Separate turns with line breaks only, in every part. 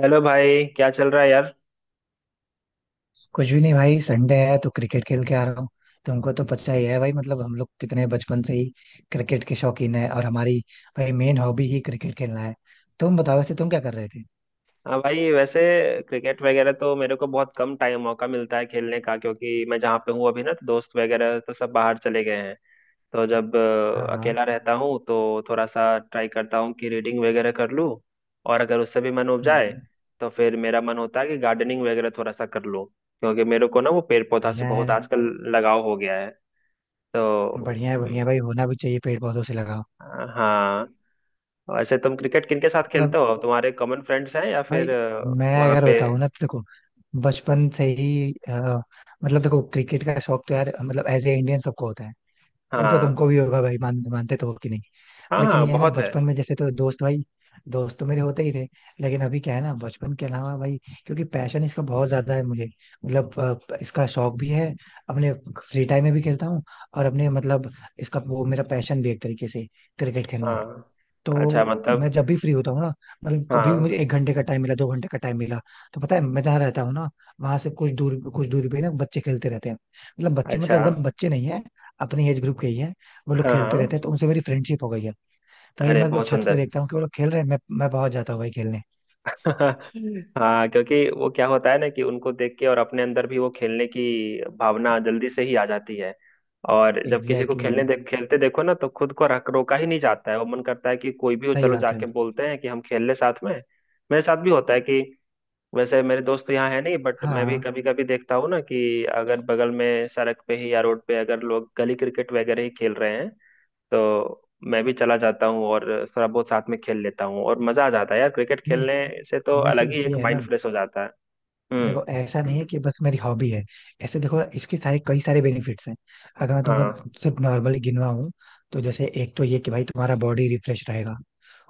Hello भाई, क्या चल रहा है यार।
कुछ भी नहीं भाई. संडे है तो क्रिकेट खेल के आ रहा हूँ. तुमको तो पता ही है भाई, मतलब हम लोग कितने बचपन से ही क्रिकेट के शौकीन है और हमारी भाई मेन हॉबी ही क्रिकेट खेलना है. तुम बताओ वैसे तुम क्या कर रहे थे.
हाँ भाई, वैसे क्रिकेट वगैरह तो मेरे को बहुत कम टाइम मौका मिलता है खेलने का, क्योंकि मैं जहाँ पे हूँ अभी ना, तो दोस्त वगैरह तो सब बाहर चले गए हैं। तो जब
हाँ हाँ.
अकेला रहता हूँ तो थोड़ा सा ट्राई करता हूँ कि रीडिंग वगैरह कर लूँ। और अगर उससे भी मन उब जाए
हम्म.
तो फिर मेरा मन होता है कि गार्डनिंग वगैरह थोड़ा सा कर लूँ, क्योंकि मेरे को ना वो पेड़ पौधा से
बढ़िया
बहुत
है.
आजकल लगाव हो गया है। तो
बढ़िया है. बढ़िया है भाई, होना भी चाहिए पेड़ पौधों से लगाओ.
हाँ, वैसे तुम क्रिकेट किनके साथ
मतलब
खेलते हो? तुम्हारे कॉमन फ्रेंड्स हैं या
भाई
फिर
मैं
वहाँ
अगर
पे?
बताऊँ ना तो देखो. बचपन से ही मतलब देखो, क्रिकेट का शौक तो यार मतलब एज ए इंडियन सबको होता है. वो तो तुमको
हाँ
भी होगा भाई, मान मानते तो हो कि नहीं.
हाँ,
लेकिन
हाँ,
ये है ना,
बहुत है।
बचपन में जैसे तो दोस्त भाई दोस्त तो मेरे होते ही थे. लेकिन अभी क्या है ना, बचपन के अलावा भाई, क्योंकि पैशन इसका बहुत ज्यादा है मुझे. मतलब इसका शौक भी है. अपने फ्री टाइम में भी खेलता हूँ और अपने मतलब इसका वो मेरा पैशन भी है एक तरीके से, क्रिकेट खेलना.
हाँ, अच्छा,
तो मैं
मतलब।
जब भी फ्री होता हूँ ना, मतलब कभी भी मुझे
हाँ,
एक घंटे का टाइम मिला, 2 घंटे का टाइम मिला, तो पता है मैं जहाँ रहता हूँ ना, वहां से कुछ दूर कुछ दूरी पे ना बच्चे खेलते रहते हैं. मतलब बच्चे, मतलब
अच्छा।
एकदम बच्चे नहीं है, अपने एज ग्रुप के ही है. वो लोग
हाँ,
खेलते
हाँ।
रहते हैं तो उनसे मेरी फ्रेंडशिप हो गई है. तो ये
अरे,
मैं तो
बहुत
छत पे
सुंदर।
देखता हूँ कि वो लोग खेल रहे हैं, मैं पहुंच जाता हूँ भाई खेलने.
हाँ, क्योंकि वो क्या होता है ना कि उनको देख के और अपने अंदर भी वो खेलने की भावना जल्दी से ही आ जाती है। और जब किसी को
एग्जैक्टली
खेलने
exactly.
देख खेलते देखो ना, तो खुद को रख रोका ही नहीं जाता है, वो मन करता है कि कोई भी हो
सही
चलो
बात है.
जाके बोलते हैं कि हम खेल ले साथ में। मेरे साथ भी होता है कि, वैसे मेरे दोस्त यहाँ है नहीं, बट मैं भी
हाँ.
कभी कभी देखता हूँ ना कि अगर बगल में सड़क पे ही या रोड पे अगर लोग गली क्रिकेट वगैरह ही खेल रहे हैं, तो मैं भी चला जाता हूँ और थोड़ा बहुत साथ में खेल लेता हूँ, और मजा आ जाता है यार, क्रिकेट
नहीं.
खेलने से तो
वैसे
अलग ही एक
ये है
माइंड
ना,
फ्रेश हो जाता है। हम्म।
देखो ऐसा नहीं है कि बस मेरी हॉबी है. ऐसे देखो इसके सारे कई सारे बेनिफिट्स हैं. अगर मैं
हाँ,
तुमको सिर्फ नॉर्मली गिनवाऊं, तो जैसे एक तो ये कि भाई तुम्हारा बॉडी रिफ्रेश रहेगा.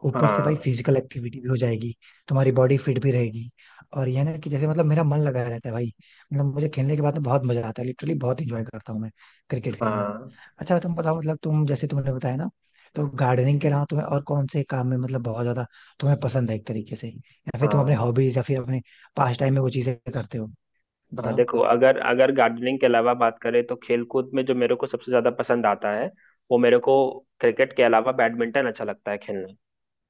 ऊपर से भाई
हाँ,
फिजिकल एक्टिविटी भी हो जाएगी. तुम्हारी बॉडी फिट भी रहेगी. और ये ना कि जैसे मतलब मेरा मन लगा रहता है भाई. मतलब मुझे खेलने के बाद में बहुत मजा आता है, लिटरली बहुत इंजॉय करता हूँ मैं क्रिकेट खेलना.
हाँ,
अच्छा तुम बताओ, मतलब तुम जैसे तुमने बताया ना, तो गार्डनिंग के अलावा तुम्हें और कौन से काम में मतलब बहुत ज्यादा तुम्हें पसंद है एक तरीके से, या फिर तुम अपने
हाँ।
हॉबीज या फिर अपने पास्ट टाइम में वो चीजें करते हो.
हाँ
बताओ.
देखो, अगर अगर गार्डनिंग के अलावा बात करें, तो खेलकूद में जो मेरे को सबसे ज्यादा पसंद आता है, वो मेरे को क्रिकेट के अलावा बैडमिंटन अच्छा लगता है खेलना।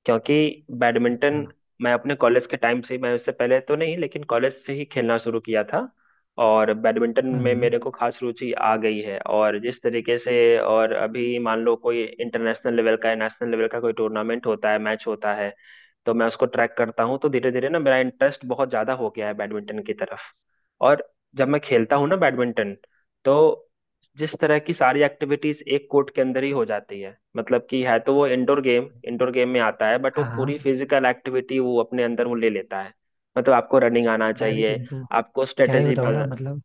क्योंकि
अच्छा.
बैडमिंटन मैं अपने कॉलेज के टाइम से, मैं उससे पहले तो नहीं, लेकिन कॉलेज से ही खेलना शुरू किया था। और बैडमिंटन में
हम्म.
मेरे को खास रुचि आ गई है, और जिस तरीके से, और अभी मान लो कोई इंटरनेशनल लेवल का या नेशनल लेवल का कोई टूर्नामेंट होता है, मैच होता है, तो मैं उसको ट्रैक करता हूँ, तो धीरे धीरे ना मेरा इंटरेस्ट बहुत ज्यादा हो गया है बैडमिंटन की तरफ। और जब मैं खेलता हूँ ना बैडमिंटन, तो जिस तरह की सारी एक्टिविटीज एक कोर्ट के अंदर ही हो जाती है, मतलब कि है तो वो इंडोर गेम, इंडोर गेम में आता है, बट वो
हाँ
पूरी
हाँ.
फिजिकल एक्टिविटी वो अपने अंदर वो ले लेता है। मतलब आपको रनिंग आना
मैं भी
चाहिए,
तुमको
आपको
क्या ही
स्ट्रेटेजी।
बताऊँ ना मतलब.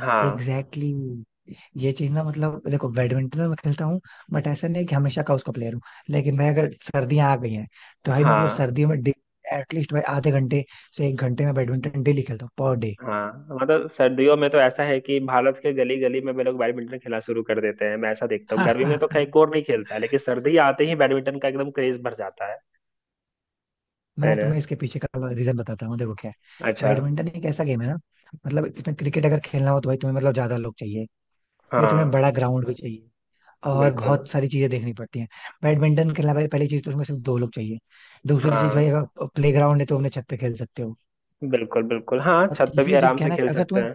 हाँ,
एग्जैक्टली exactly. ये चीज ना, मतलब देखो बैडमिंटन में मैं खेलता हूँ, बट ऐसा नहीं कि हमेशा का उसका प्लेयर हूँ. लेकिन मैं अगर सर्दियाँ आ गई हैं, तो भाई मतलब
हाँ,
सर्दियों में एटलीस्ट भाई आधे घंटे से एक घंटे में बैडमिंटन डेली खेलता हूँ पर डे.
हाँ, मतलब सर्दियों में तो ऐसा है कि भारत के गली गली में भी लोग बैडमिंटन खेलना शुरू कर देते हैं, मैं ऐसा देखता हूँ,
हाँ
गर्मी में
हाँ
तो
हाँ.
खैर कोई नहीं खेलता है, लेकिन सर्दी आते ही बैडमिंटन का एकदम क्रेज भर जाता है। है
मैं
ना?
तुम्हें इसके पीछे का रीजन बताता हूँ, देखो क्या है.
अच्छा।
बैडमिंटन एक ऐसा गेम है ना, मतलब इसमें क्रिकेट अगर खेलना हो, तो भाई तुम्हें मतलब ज्यादा लोग चाहिए, फिर तुम्हें
हाँ,
बड़ा ग्राउंड भी चाहिए और
बिल्कुल।
बहुत सारी चीजें देखनी पड़ती हैं. बैडमिंटन खेलना भाई, पहली चीज तो उसमें सिर्फ दो लोग चाहिए. दूसरी चीज भाई,
हाँ,
अगर प्ले ग्राउंड है तो अपने छत पे खेल सकते हो.
बिल्कुल बिल्कुल, हाँ
और
छत पे भी
तीसरी चीज
आराम से
कहना है
खेल
कि अगर
सकते
तुम्हें
हैं।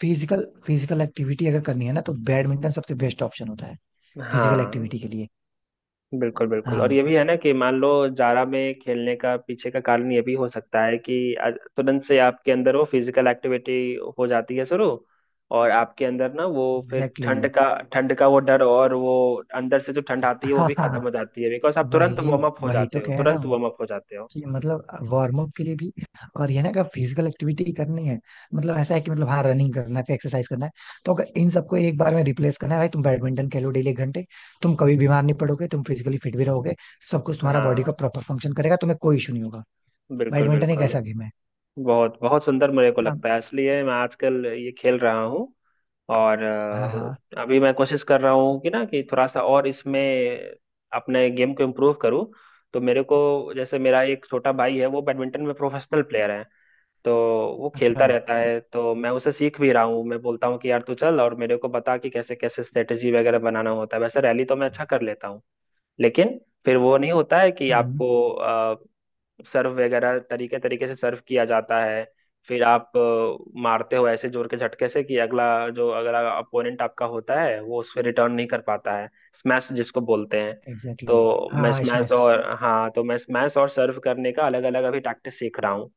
फिजिकल फिजिकल एक्टिविटी अगर करनी है ना, तो बैडमिंटन सबसे बेस्ट ऑप्शन होता है फिजिकल
हाँ,
एक्टिविटी के लिए.
बिल्कुल बिल्कुल,
हाँ.
और ये भी है ना कि मान लो, जारा में खेलने का पीछे का कारण ये भी हो सकता है कि तुरंत से आपके अंदर वो फिजिकल एक्टिविटी हो जाती है शुरू, और आपके अंदर ना वो फिर
एग्जैक्टली
ठंड
exactly.
का, ठंड का वो डर, और वो अंदर से जो ठंड आती है वो
हाँ
भी खत्म
हाँ.
हो जाती है, बिकॉज आप
वही वही तो कह रहा
तुरंत
हूँ
वार्म अप हो जाते हो।
कि मतलब वार्म अप के लिए भी. और ये ना, अगर फिजिकल एक्टिविटी करनी है, मतलब ऐसा है कि मतलब हाँ रनिंग करना है, फिर एक्सरसाइज करना है, तो अगर इन सबको एक बार में रिप्लेस करना है भाई, तुम बैडमिंटन खेलो डेली एक घंटे, तुम कभी बीमार नहीं पड़ोगे, तुम फिजिकली फिट भी रहोगे. सब कुछ तुम्हारा बॉडी का
हाँ,
प्रॉपर फंक्शन करेगा, तुम्हें कोई इशू नहीं होगा.
बिल्कुल
बैडमिंटन एक
बिल्कुल।
ऐसा गेम है.
बहुत बहुत सुंदर मेरे को
हाँ
लगता है, इसलिए मैं आजकल ये खेल रहा हूँ। और
हाँ हाँ.
अभी मैं कोशिश कर रहा हूँ कि ना कि थोड़ा सा और इसमें अपने गेम को इम्प्रूव करूँ। तो मेरे को, जैसे मेरा एक छोटा भाई है, वो बैडमिंटन में प्रोफेशनल प्लेयर है, तो वो
अच्छा.
खेलता रहता है, तो मैं उसे सीख भी रहा हूँ, मैं बोलता हूँ कि यार तू चल और मेरे को बता कि कैसे कैसे स्ट्रेटेजी वगैरह बनाना होता है। वैसे रैली तो मैं अच्छा कर लेता हूँ, लेकिन फिर वो नहीं होता है कि
हाँ.
आपको सर्व वगैरह तरीके तरीके से सर्व किया जाता है। फिर आप मारते हो ऐसे जोर के झटके से कि अगला, जो अगला अपोनेंट आपका होता है, वो उस पर रिटर्न नहीं कर पाता है, स्मैश जिसको बोलते हैं।
एग्जैक्टली.
तो मैं
हाँ
स्मैश
स्मैश.
और हाँ तो मैं स्मैश और सर्व करने का अलग अलग अभी टैक्टिस सीख रहा हूँ।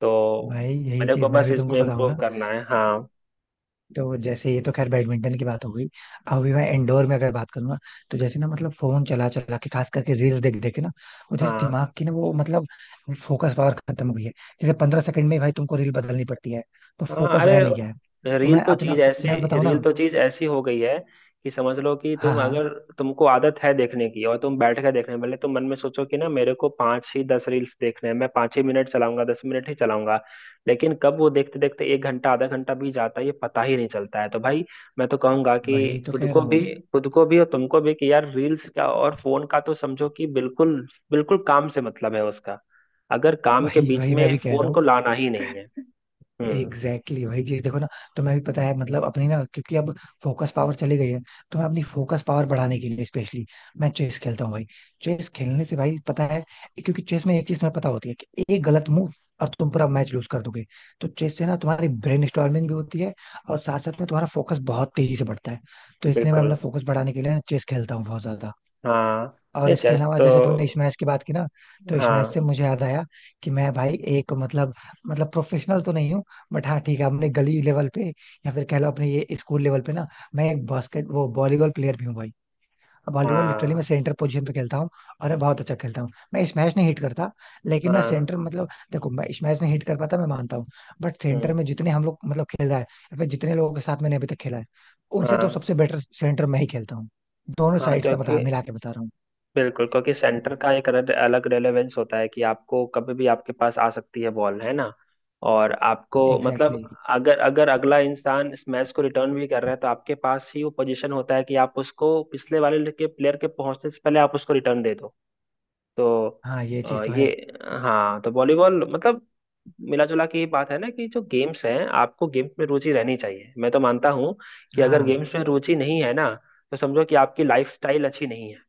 तो
भाई यही
मेरे को
चीज मैं
बस
भी तुमको
इसमें
बताऊं
इम्प्रूव
ना,
करना है। हाँ।
तो जैसे ये तो खैर बैडमिंटन की बात हो गई, अभी मैं इंडोर में अगर बात करूँ ना, तो जैसे ना मतलब फोन चला चला के, खास करके रील्स देख देख के ना, मुझे
हाँ,
दिमाग की ना वो, मतलब फोकस पावर खत्म हो गई है. जैसे 15 सेकंड में ही भाई तुमको रील बदलनी पड़ती है, तो
हाँ।
फोकस रह नहीं गया है.
अरे
तो मैं अपना मैं बताऊँ
रील
ना.
तो चीज ऐसी हो गई है कि समझ लो कि
हाँ
तुम
हाँ.
अगर तुमको आदत है देखने की, और तुम बैठ कर देख रहे हो, भले तुम मन में सोचो कि ना मेरे को पांच ही 10 रील्स देखने हैं, मैं 5 ही मिनट चलाऊंगा, 10 मिनट ही चलाऊंगा, लेकिन कब वो देखते देखते 1 घंटा आधा घंटा भी जाता है ये पता ही नहीं चलता है। तो भाई मैं तो कहूंगा कि
वही तो
खुद
कह
को
रहा
भी
हूँ.
खुद को भी और तुमको भी कि यार, रील्स का और फोन का तो समझो कि बिल्कुल बिल्कुल काम से मतलब है उसका, अगर काम के
वही
बीच
वही
में
मैं भी कह रहा
फोन को
हूँ.
लाना ही नहीं है। हम्म,
एग्जैक्टली exactly, वही चीज देखो ना. तो मैं भी पता है, मतलब अपनी ना क्योंकि अब फोकस पावर चली गई है, तो मैं अपनी फोकस पावर बढ़ाने के लिए स्पेशली मैं चेस खेलता हूँ भाई. चेस खेलने से भाई पता है, क्योंकि चेस में एक चीज तुम्हें पता होती है कि एक गलत मूव और तुम पूरा मैच लूज कर दोगे. तो चेस से ना तुम्हारी ब्रेन स्टॉर्मिंग भी होती है, और साथ साथ में तुम्हारा फोकस बहुत तेजी से बढ़ता है. तो इसलिए मैं
बिल्कुल।
अपना फोकस बढ़ाने के लिए ना चेस खेलता हूँ बहुत ज्यादा.
हाँ,
और
ये
इसके
चेस
अलावा
तो।
जैसे तुमने स्मैश की बात की ना, तो स्मैश से
हाँ,
मुझे याद आया कि मैं भाई एक मतलब, मतलब प्रोफेशनल तो नहीं हूँ, बट हाँ ठीक है, अपने गली लेवल पे या फिर कह लो अपने ये स्कूल लेवल पे ना, मैं एक बास्केट वो वॉलीबॉल प्लेयर भी हूँ भाई. वॉलीबॉल लिटरली मैं
हाँ,
सेंटर पोजीशन पे खेलता हूँ और मैं बहुत अच्छा खेलता हूँ. मैं स्मैश नहीं हिट करता. लेकिन मैं
हाँ।
सेंटर मतलब देखो, मैं स्मैश नहीं हिट कर पाता, मैं मानता हूँ. बट सेंटर में
हम्म,
जितने हम लोग मतलब खेला है या फिर जितने लोगों के साथ मैंने अभी तक खेला है, उनसे
हाँ,
तो सबसे बेटर सेंटर मैं ही खेलता हूँ. दोनों
हाँ,
साइड्स का
क्योंकि
बता मिला के बता रहा हूँ.
बिल्कुल, क्योंकि सेंटर का एक अलग अलग रेलेवेंस होता है कि आपको कभी भी आपके पास आ सकती है बॉल, है ना? और आपको
एग्जैक्टली
मतलब,
exactly.
अगर अगर अगला इंसान इस मैच को रिटर्न भी कर रहा है, तो आपके पास ही वो पोजीशन होता है कि आप उसको पिछले वाले के प्लेयर के पहुंचने से पहले आप उसको रिटर्न दे दो। तो
हाँ ये
अ,
चीज तो
ये
है.
हाँ, तो वॉलीबॉल मतलब मिला जुला के ये बात है ना, कि जो गेम्स हैं, आपको गेम्स में रुचि रहनी चाहिए, मैं तो मानता हूँ कि अगर
हाँ
गेम्स में रुचि नहीं है ना, तो समझो कि आपकी लाइफ स्टाइल अच्छी नहीं है।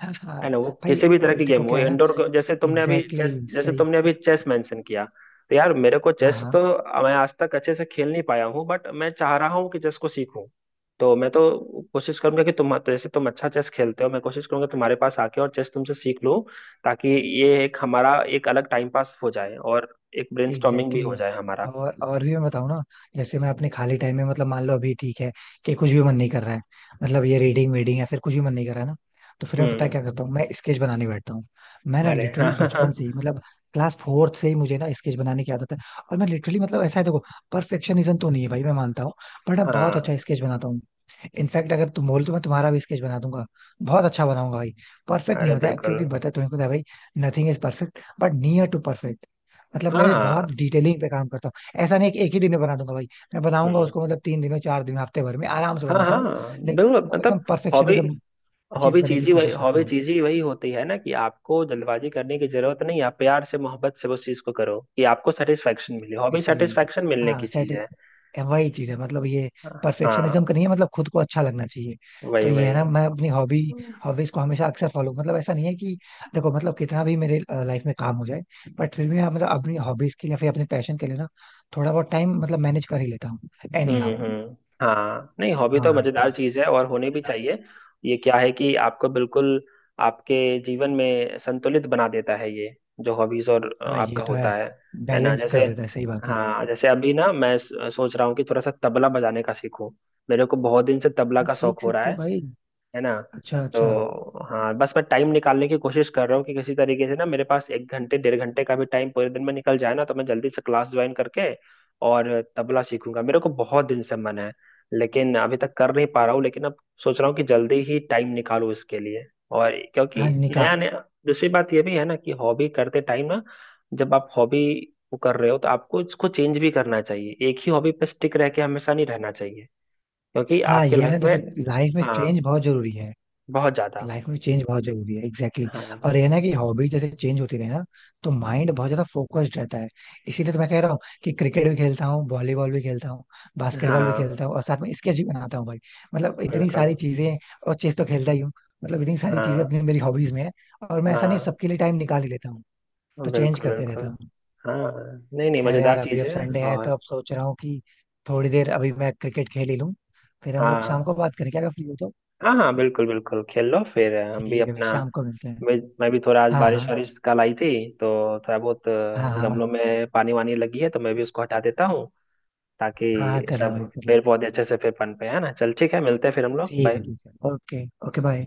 हाँ हाँ.
है ना, वो किसी भी तरह
भाई
की गेम
देखो
हो,
क्या है ना.
इंडोर,
एग्जैक्टली exactly,
जैसे
सही.
तुमने अभी चेस मेंशन किया, तो यार मेरे को
हाँ
चेस
हाँ.
तो मैं आज तक अच्छे से खेल नहीं पाया हूँ, बट मैं चाह रहा हूँ कि चेस को सीखूं। तो मैं तो कोशिश करूंगा कि, तुम तो जैसे तुम अच्छा चेस खेलते हो, मैं कोशिश करूंगा तुम्हारे पास आके और चेस तुमसे सीख लूं, ताकि ये एक हमारा एक अलग टाइम पास हो जाए, और एक ब्रेनस्टॉर्मिंग भी
एग्जैक्टली
हो जाए
exactly.
हमारा।
और भी मैं बताऊँ ना, जैसे मैं अपने खाली टाइम में मतलब मान लो अभी ठीक है कि कुछ भी मन नहीं कर रहा है, मतलब ये रीडिंग वीडिंग या फिर कुछ भी मन नहीं कर रहा है ना, तो फिर मैं पता है
हम्म।
क्या करता हूँ, मैं स्केच बनाने बैठता हूँ. मैं ना
अरे
लिटरली बचपन
हाँ,
से ही मतलब क्लास फोर्थ से ही मुझे ना स्केच बनाने की आदत है. और मैं लिटरली मतलब ऐसा है देखो, परफेक्शनिज्म तो नहीं है भाई मैं मानता हूँ, बट मैं बहुत अच्छा
हाँ।
स्केच बनाता हूँ. इनफैक्ट अगर तुम बोलो तो मैं तुम्हारा भी स्केच बना दूंगा. बहुत अच्छा बनाऊंगा भाई. परफेक्ट नहीं
अरे
होता है,
बिल्कुल।
क्योंकि बता तुम्हें पता है भाई, nothing is perfect but near to perfect. मतलब
हाँ,
मैं भी बहुत
हाँ।
डिटेलिंग पे काम करता हूँ, ऐसा नहीं कि एक ही दिन में बना दूंगा भाई. मैं बनाऊंगा
हम्म।
उसको मतलब 3 दिनों 4 दिन हफ्ते भर में आराम से
हाँ,
बनाता हूँ.
हाँ, बिल्कुल,
लेकिन एकदम
मतलब हॉबी
परफेक्शनिज्म अचीव
हॉबी
करने
चीज
की
ही वही
कोशिश करता
हॉबी
हूँ.
चीज ही वही होती है ना, कि आपको जल्दबाजी करने की जरूरत नहीं, आप प्यार से, मोहब्बत से उस चीज को करो, कि आपको सेटिस्फेक्शन मिले, हॉबी
एग्जैक्टली.
सेटिस्फेक्शन मिलने
हाँ
की चीज
सेट,
है।
वही चीज है, मतलब ये परफेक्शनिज्म
हाँ,
का नहीं है, मतलब खुद को अच्छा लगना चाहिए. तो
वही
ये है
वही।
ना, मैं अपनी हॉबी हॉबीज को हमेशा अक्सर फॉलो, मतलब ऐसा नहीं है कि, देखो मतलब कितना भी मेरे लाइफ में काम हो जाए, बट फिर भी मैं मतलब अपनी हॉबीज के लिए या फिर अपने पैशन के लिए ना थोड़ा बहुत टाइम मतलब मैनेज कर ही लेता हूँ एनी
हम्म,
हाउ.
हाँ, नहीं हॉबी
हाँ
तो
हाँ.
मजेदार चीज है और
हॉबी तो
होनी भी
मजेदार.
चाहिए। ये क्या है कि आपको बिल्कुल आपके जीवन में संतुलित बना देता है ये, जो हॉबीज और
हाँ ये
आपका
तो है,
होता है ना।
बैलेंस कर
जैसे
देता है, सही बात है
हाँ,
भाई.
जैसे अभी ना मैं सोच रहा हूँ कि थोड़ा सा तबला बजाने का सीखूं, मेरे को बहुत दिन से तबला
हाँ
का शौक
सीख
हो रहा
सकते हो
है
भाई.
है ना।
अच्छा अच्छा.
तो हाँ, बस मैं टाइम निकालने की कोशिश कर रहा हूँ कि किसी तरीके से ना मेरे पास 1 घंटे डेढ़ घंटे का भी टाइम पूरे दिन में निकल जाए ना, तो मैं जल्दी से क्लास ज्वाइन करके और तबला सीखूंगा, मेरे को बहुत दिन से मन है, लेकिन अभी तक कर नहीं पा रहा हूँ, लेकिन अब सोच रहा हूँ कि जल्दी ही टाइम निकालूं इसके लिए। और
हाँ
क्योंकि
निकाल.
नया नया, दूसरी बात ये भी है ना कि हॉबी करते टाइम ना, जब आप हॉबी को कर रहे हो, तो आपको इसको चेंज भी करना चाहिए, एक ही हॉबी पे स्टिक रह के हमेशा नहीं रहना चाहिए, क्योंकि
हाँ
आपके
ये
लाइफ
ना
में।
देखो, लाइफ में
हाँ,
चेंज बहुत जरूरी है.
बहुत ज्यादा।
लाइफ में चेंज बहुत जरूरी है. एग्जैक्टली
हाँ,
exactly. और ये ना कि हॉबी जैसे चेंज होती रहे ना, तो माइंड बहुत ज्यादा फोकस्ड रहता है. इसीलिए तो मैं कह रहा हूँ कि क्रिकेट भी खेलता हूँ, वॉलीबॉल भी खेलता हूँ, बास्केटबॉल भी
हाँ,
खेलता हूँ और साथ में स्केच भी बनाता हूँ भाई. मतलब इतनी
बिल्कुल।
सारी चीजें. और चेस तो खेलता ही हूँ. मतलब इतनी सारी चीजें
हाँ,
अपनी मेरी हॉबीज में है. और मैं ऐसा नहीं,
हाँ,
सबके लिए टाइम निकाल ही लेता हूँ, तो चेंज
बिल्कुल
करते रहता
बिल्कुल।
हूँ.
हाँ, नहीं नहीं,
खैर
मजेदार
यार अभी
चीज
अब
है।
संडे है, तो
और
अब सोच रहा हूँ कि थोड़ी देर अभी मैं क्रिकेट खेल ही लूँ, फिर हम लोग शाम
हाँ,
को बात करें क्या, अगर फ्री हो तो.
हाँ, हाँ, बिल्कुल बिल्कुल, खेल लो, फिर हम भी
ठीक है भाई,
अपना,
शाम को मिलते हैं.
मैं भी थोड़ा आज
हाँ
बारिश
हाँ
वारिश कल आई थी तो थोड़ा बहुत
हाँ हाँ.
गमलों में पानी वानी लगी है, तो मैं भी उसको हटा देता हूँ,
हाँ
ताकि
कर लो
सब
भाई कर लो.
पेड़ पौधे अच्छे से फिर पनपे, है ना। चल ठीक है, मिलते हैं फिर हम लोग,
ठीक है
बाय।
ठीक है. Okay okay bye.